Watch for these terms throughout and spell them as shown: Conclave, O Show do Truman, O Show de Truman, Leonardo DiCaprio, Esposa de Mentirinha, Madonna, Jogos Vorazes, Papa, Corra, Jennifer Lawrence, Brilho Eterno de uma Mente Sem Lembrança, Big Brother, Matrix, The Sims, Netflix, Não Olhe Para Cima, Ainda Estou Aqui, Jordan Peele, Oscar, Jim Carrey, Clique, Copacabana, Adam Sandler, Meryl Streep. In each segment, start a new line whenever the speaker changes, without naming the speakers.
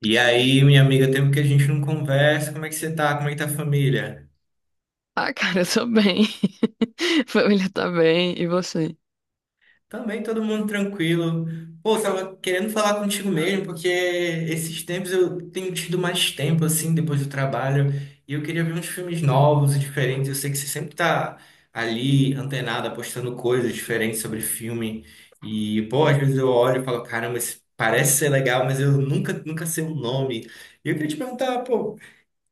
E aí, minha amiga, tempo que a gente não conversa, como é que você tá? Como é que tá a família?
Ah, cara, eu tô bem. Família tá bem. E você?
Também todo mundo tranquilo. Pô, tava querendo falar contigo mesmo, porque esses tempos eu tenho tido mais tempo, assim, depois do trabalho, e eu queria ver uns filmes novos e diferentes. Eu sei que você sempre tá ali, antenada, postando coisas diferentes sobre filme. E, pô, às vezes eu olho e falo, caramba, esse parece ser legal, mas eu nunca, nunca sei o nome. E eu queria te perguntar, pô.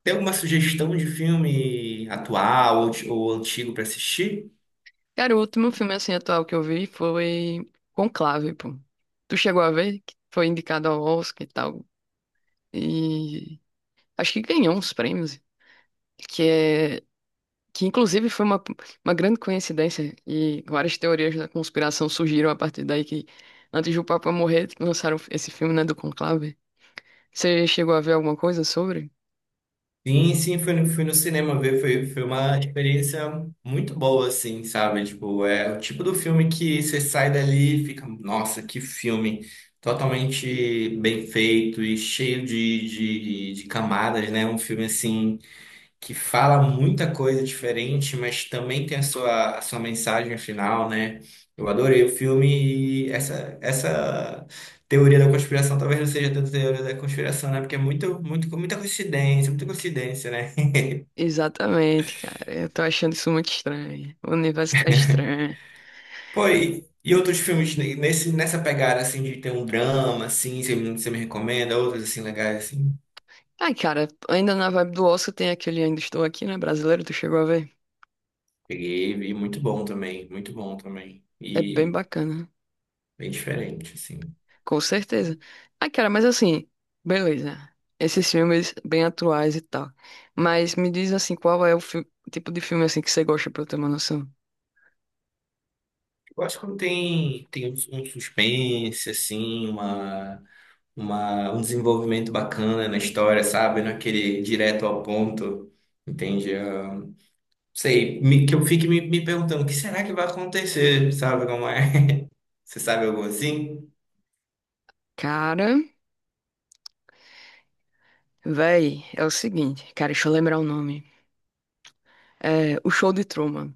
Tem alguma sugestão de filme atual ou, ou antigo para assistir?
Cara, o último filme assim atual que eu vi foi Conclave, pô. Tu chegou a ver? Que foi indicado ao Oscar e tal. E acho que ganhou uns prêmios. Que é. Que inclusive foi uma grande coincidência. E várias teorias da conspiração surgiram a partir daí que antes do Papa morrer, lançaram esse filme, né, do Conclave. Você chegou a ver alguma coisa sobre?
Sim, sim, fui no cinema ver, foi uma experiência muito boa, assim, sabe? Tipo, é o tipo do filme que você sai dali e fica, nossa, que filme totalmente bem feito e cheio de camadas, né? Um filme assim. Que fala muita coisa diferente, mas também tem a sua mensagem final, né? Eu adorei o filme e essa teoria da conspiração talvez não seja tanto teoria da conspiração, né? Porque é muito, muito, muita coincidência, né?
Exatamente, cara. Eu tô achando isso muito estranho. O universo tá estranho.
Pô, e outros filmes nessa pegada, assim, de ter um drama, assim, você, você me recomenda, outros, assim, legais, assim.
Ai, cara, ainda na vibe do Oscar tem aquele Ainda Estou Aqui, né? Brasileiro, tu chegou a ver?
Peguei e vi, muito bom também, muito bom também.
É bem
E
bacana,
bem diferente, assim.
com certeza. Ai, cara, mas assim, beleza. Esses filmes bem atuais e tal. Mas me diz assim, qual é o fi- tipo de filme assim que você gosta pra eu ter uma noção?
Eu acho que quando tem um, um suspense, assim, um desenvolvimento bacana na história, sabe? Não é aquele direto ao ponto, entende? Ah, sei, que eu fique me perguntando, o que será que vai acontecer, sabe como é? Você sabe algo assim?
Cara, véi, é o seguinte, cara, deixa eu lembrar o nome. É O Show de Truman.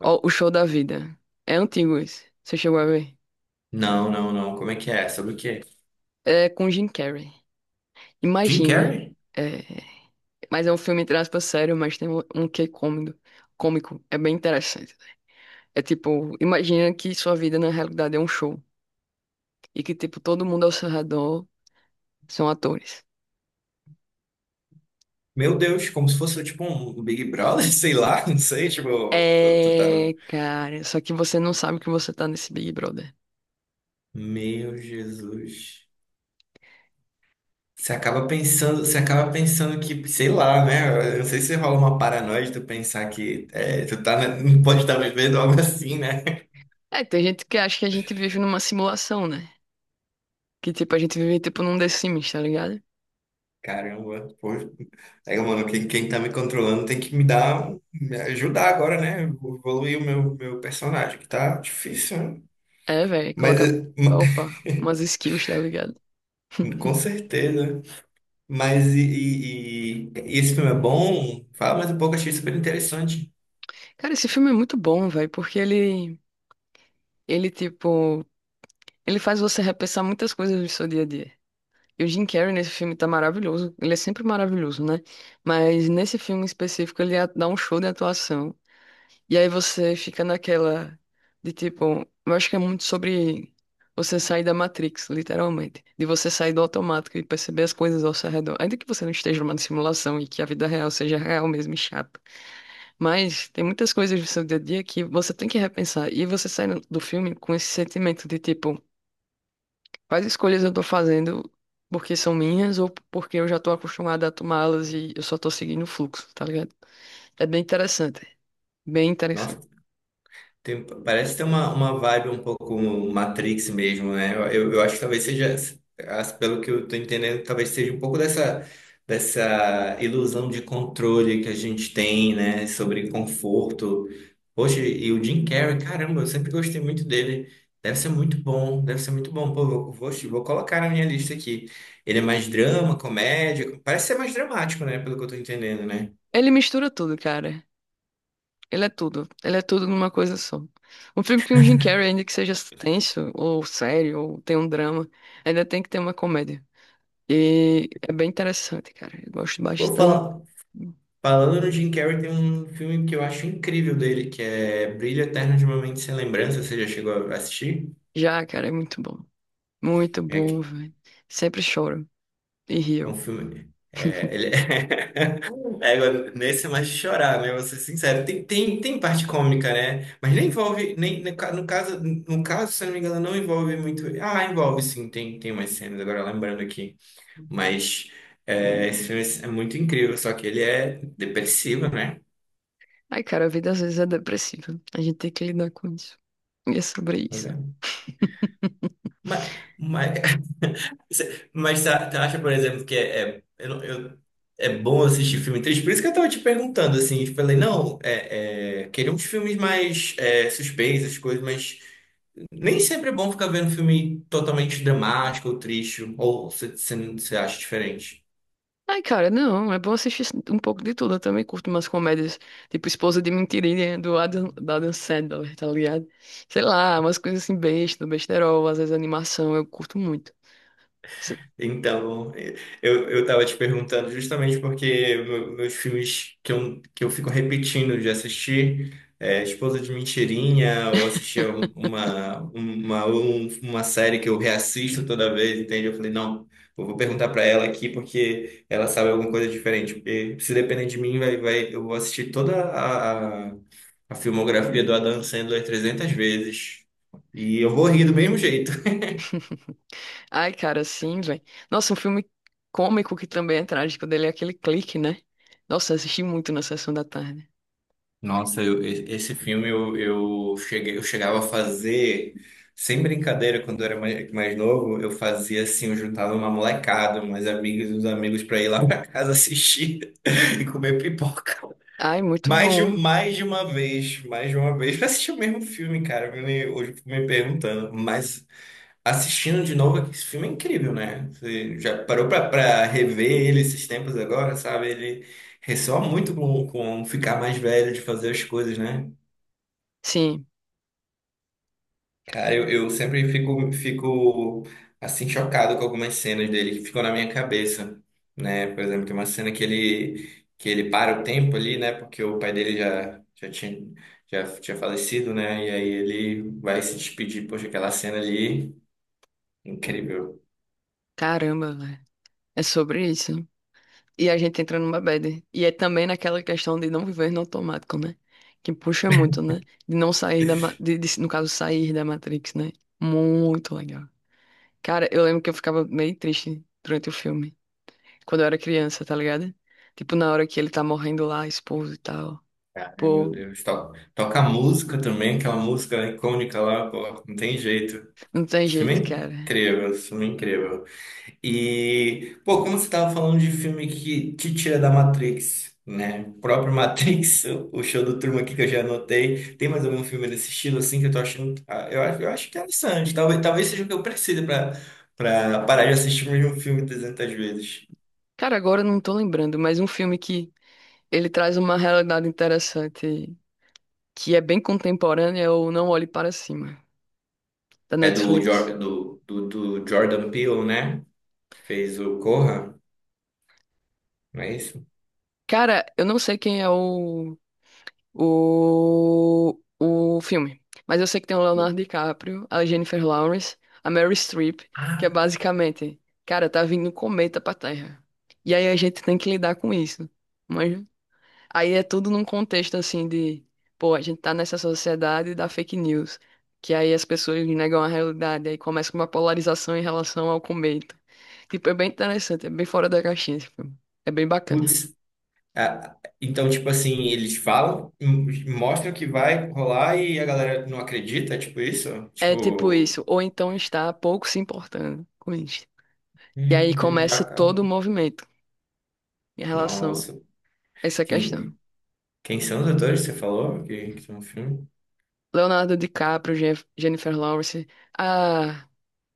Ó, O Show da Vida. É antigo esse. Você chegou a ver?
Não, não, não. Como é que é? Sobre o quê?
É com Jim Carrey.
Jim
Imagina.
Carrey?
É, mas é um filme, entre aspas, sério, mas tem um quê cômico. Cômico. É bem interessante. É tipo, imagina que sua vida na realidade é um show. E que, tipo, todo mundo ao seu redor são atores.
Meu Deus, como se fosse tipo um Big Brother, sei lá, não sei, tipo, tu tá no...
É, cara. Só que você não sabe que você tá nesse Big Brother.
Meu Jesus. Você acaba pensando que, sei lá, né? Eu não sei se rola uma paranoia de tu pensar que é, tu tá, não pode estar vivendo algo assim, né?
É, tem gente que acha que a gente vive numa simulação, né? Que, tipo, a gente vive, tipo, num The Sims, tá ligado?
Caramba, pô. Aí, mano, quem tá me controlando tem que me dar, me ajudar agora, né? Evoluir o meu personagem, que tá difícil, né?
É, velho.
Mas,
Coloca, opa, umas skills, tá ligado?
com certeza. Mas, esse filme é bom? Fala mais um pouco, achei super interessante.
Cara, esse filme é muito bom, velho, porque ele. Ele, tipo, ele faz você repensar muitas coisas do seu dia a dia. E o Jim Carrey nesse filme tá maravilhoso. Ele é sempre maravilhoso, né? Mas nesse filme em específico, dá um show de atuação. E aí você fica naquela de tipo, eu acho que é muito sobre você sair da Matrix, literalmente. De você sair do automático e perceber as coisas ao seu redor. Ainda que você não esteja numa simulação e que a vida real seja real mesmo e chata. Mas tem muitas coisas do seu dia a dia que você tem que repensar. E você sai do filme com esse sentimento de tipo, quais escolhas eu tô fazendo porque são minhas ou porque eu já tô acostumada a tomá-las e eu só tô seguindo o fluxo, tá ligado? É bem interessante. Bem interessante.
Nossa. Parece ter uma vibe um pouco Matrix mesmo, né? Eu, eu acho que talvez seja, pelo que eu tô entendendo, talvez seja um pouco dessa ilusão de controle que a gente tem, né? Sobre conforto. Poxa, e o Jim Carrey, caramba, eu sempre gostei muito dele. Deve ser muito bom, deve ser muito bom. Pô, vou colocar na minha lista aqui. Ele é mais drama, comédia, parece ser mais dramático, né? Pelo que eu tô entendendo, né?
Ele mistura tudo, cara. Ele é tudo. Ele é tudo numa coisa só. Um filme que um Jim Carrey, ainda que seja tenso, ou sério, ou tem um drama, ainda tem que ter uma comédia. E é bem interessante, cara. Eu gosto
Vou
bastante.
falar. Falando no Jim Carrey, tem um filme que eu acho incrível dele, que é Brilho Eterno de uma Mente Sem Lembrança. Você já chegou a assistir?
Já, cara, é muito bom. Muito
É,
bom,
que-
velho. Sempre choro e
é um
rio.
filme. É, ele é, agora, nesse é mais de chorar, né? Vou ser sincero. Tem parte cômica, né? Mas nem envolve. Nem, no caso, se eu não me engano, não envolve muito. Ah, envolve sim, tem umas cenas, agora lembrando aqui. Mas é, esse filme é muito incrível, só que ele é depressivo, né?
Ai, cara, a vida às vezes é depressiva. A gente tem que lidar com isso. E é sobre isso.
Mas, mas, mas você acha, por exemplo, que é, é, eu não- eu- é bom assistir filme triste? Por isso que eu tava te perguntando, assim, eu falei, não, é, é, queria uns filmes mais é, suspeitos, coisas, mas nem sempre é bom ficar vendo filme totalmente dramático ou triste, ou você acha diferente?
Ai, cara, não, é bom assistir um pouco de tudo. Eu também curto umas comédias, tipo Esposa de Mentirinha, do Adam, da Adam Sandler, tá ligado? Sei lá, umas coisas assim, besta, besterol, às vezes animação, eu curto muito. Se-
Então, eu tava te perguntando justamente porque meus filmes que eu fico repetindo de assistir é Esposa de Mentirinha, ou assistir uma série que eu reassisto toda vez, entende? Eu falei, não, eu vou perguntar pra ela aqui porque ela sabe alguma coisa diferente. Porque se depender de mim, eu vou assistir toda a filmografia do Adam Sandler 300 vezes. E eu vou rir do mesmo jeito.
Ai, cara, sim, velho. Nossa, um filme cômico que também é trágico dele é aquele Clique, né? Nossa, eu assisti muito na sessão da tarde.
Nossa, esse filme eu cheguei, eu chegava a fazer, sem brincadeira, quando eu era mais novo, eu fazia assim, eu juntava uma molecada, umas amigas e uns amigos pra ir lá pra casa assistir e comer pipoca.
Ai, muito
Mais de,
bom.
mais de uma vez, mais de uma vez, pra assistir o mesmo filme, cara, me, hoje eu fico me perguntando, mas assistindo de novo, esse filme é incrível, né? Você já parou pra rever ele esses tempos agora, sabe? Ele ressoa muito com ficar mais velho, de fazer as coisas, né?
Sim,
Cara, eu sempre fico, assim, chocado com algumas cenas dele que ficam na minha cabeça, né? Por exemplo, tem uma cena que ele para o tempo ali, né? Porque o pai dele já tinha falecido, né? E aí ele vai se despedir. Poxa, aquela cena ali, incrível.
caramba, velho. É sobre isso. E a gente entra numa bad. E é também naquela questão de não viver no automático, né? Que puxa muito, né? No caso, sair da Matrix, né? Muito legal. Cara, eu lembro que eu ficava meio triste durante o filme. Quando eu era criança, tá ligado? Tipo, na hora que ele tá morrendo lá, a esposa e tal.
Cara, meu
Pô,
Deus. Toca música também, aquela música icônica lá, pô, não tem jeito.
não tem
Esse filme
jeito,
é
cara.
incrível, esse filme é incrível. E, pô, como você tava falando de filme que te tira da Matrix, né? O próprio Matrix, o show do Truman aqui que eu já anotei. Tem mais algum filme desse estilo, assim, que eu tô achando... ah, eu acho, eu acho interessante. Talvez seja o que eu preciso pra parar de assistir o mesmo filme 300 vezes.
Cara, agora eu não tô lembrando, mas um filme que ele traz uma realidade interessante, que é bem contemporânea, é o Não Olhe Para Cima, da
É do,
Netflix.
Jor- do, do, do Jordan Peele, né? Que fez o Corra. Não é isso?
Cara, eu não sei quem é o, o filme, mas eu sei que tem o Leonardo DiCaprio, a Jennifer Lawrence, a Meryl Streep, que é
Ah,
basicamente, cara, tá vindo um cometa pra Terra. E aí a gente tem que lidar com isso. Mas aí é tudo num contexto assim de, pô, a gente tá nessa sociedade da fake news, que aí as pessoas negam a realidade, aí começa uma polarização em relação ao cometa. Tipo, é bem interessante, é bem fora da caixinha esse filme. É bem bacana.
putz. Ah, então, tipo assim, eles falam, mostram que vai rolar e a galera não acredita, tipo isso?
É tipo
Tipo,
isso, ou então está pouco se importando com isso. E
meu
aí
Deus, vai
começa
acabar.
todo o movimento em relação
Nossa,
a essa questão.
quem, quem são os atores que você falou que estão no filme?
Leonardo DiCaprio, Jennifer Lawrence, a,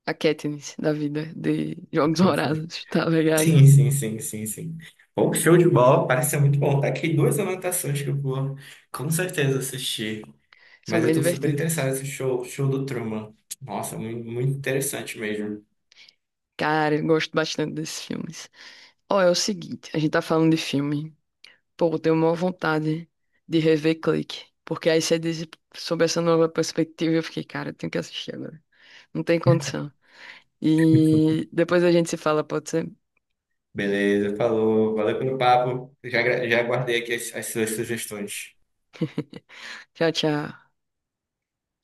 a Katniss da vida de Jogos Vorazes, tá ligado?
Sim, sim, sim, sim, sim. Bom, show de bola, parece ser muito bom. Tá aqui duas anotações que eu vou com certeza assistir.
São
Mas eu
bem
tô super interessado
divertidos.
nesse show do Truman. Nossa, muito interessante mesmo.
Cara, eu gosto bastante desses filmes. Ó, é o seguinte, a gente tá falando de filme. Pô, eu tenho uma vontade de rever Clique. Porque aí você diz sobre essa nova perspectiva, eu fiquei, cara, eu tenho que assistir agora. Não tem condição. E depois a gente se fala, pode ser?
Beleza, falou. Valeu pelo papo. Já, já guardei aqui as as suas sugestões.
Tchau, tchau.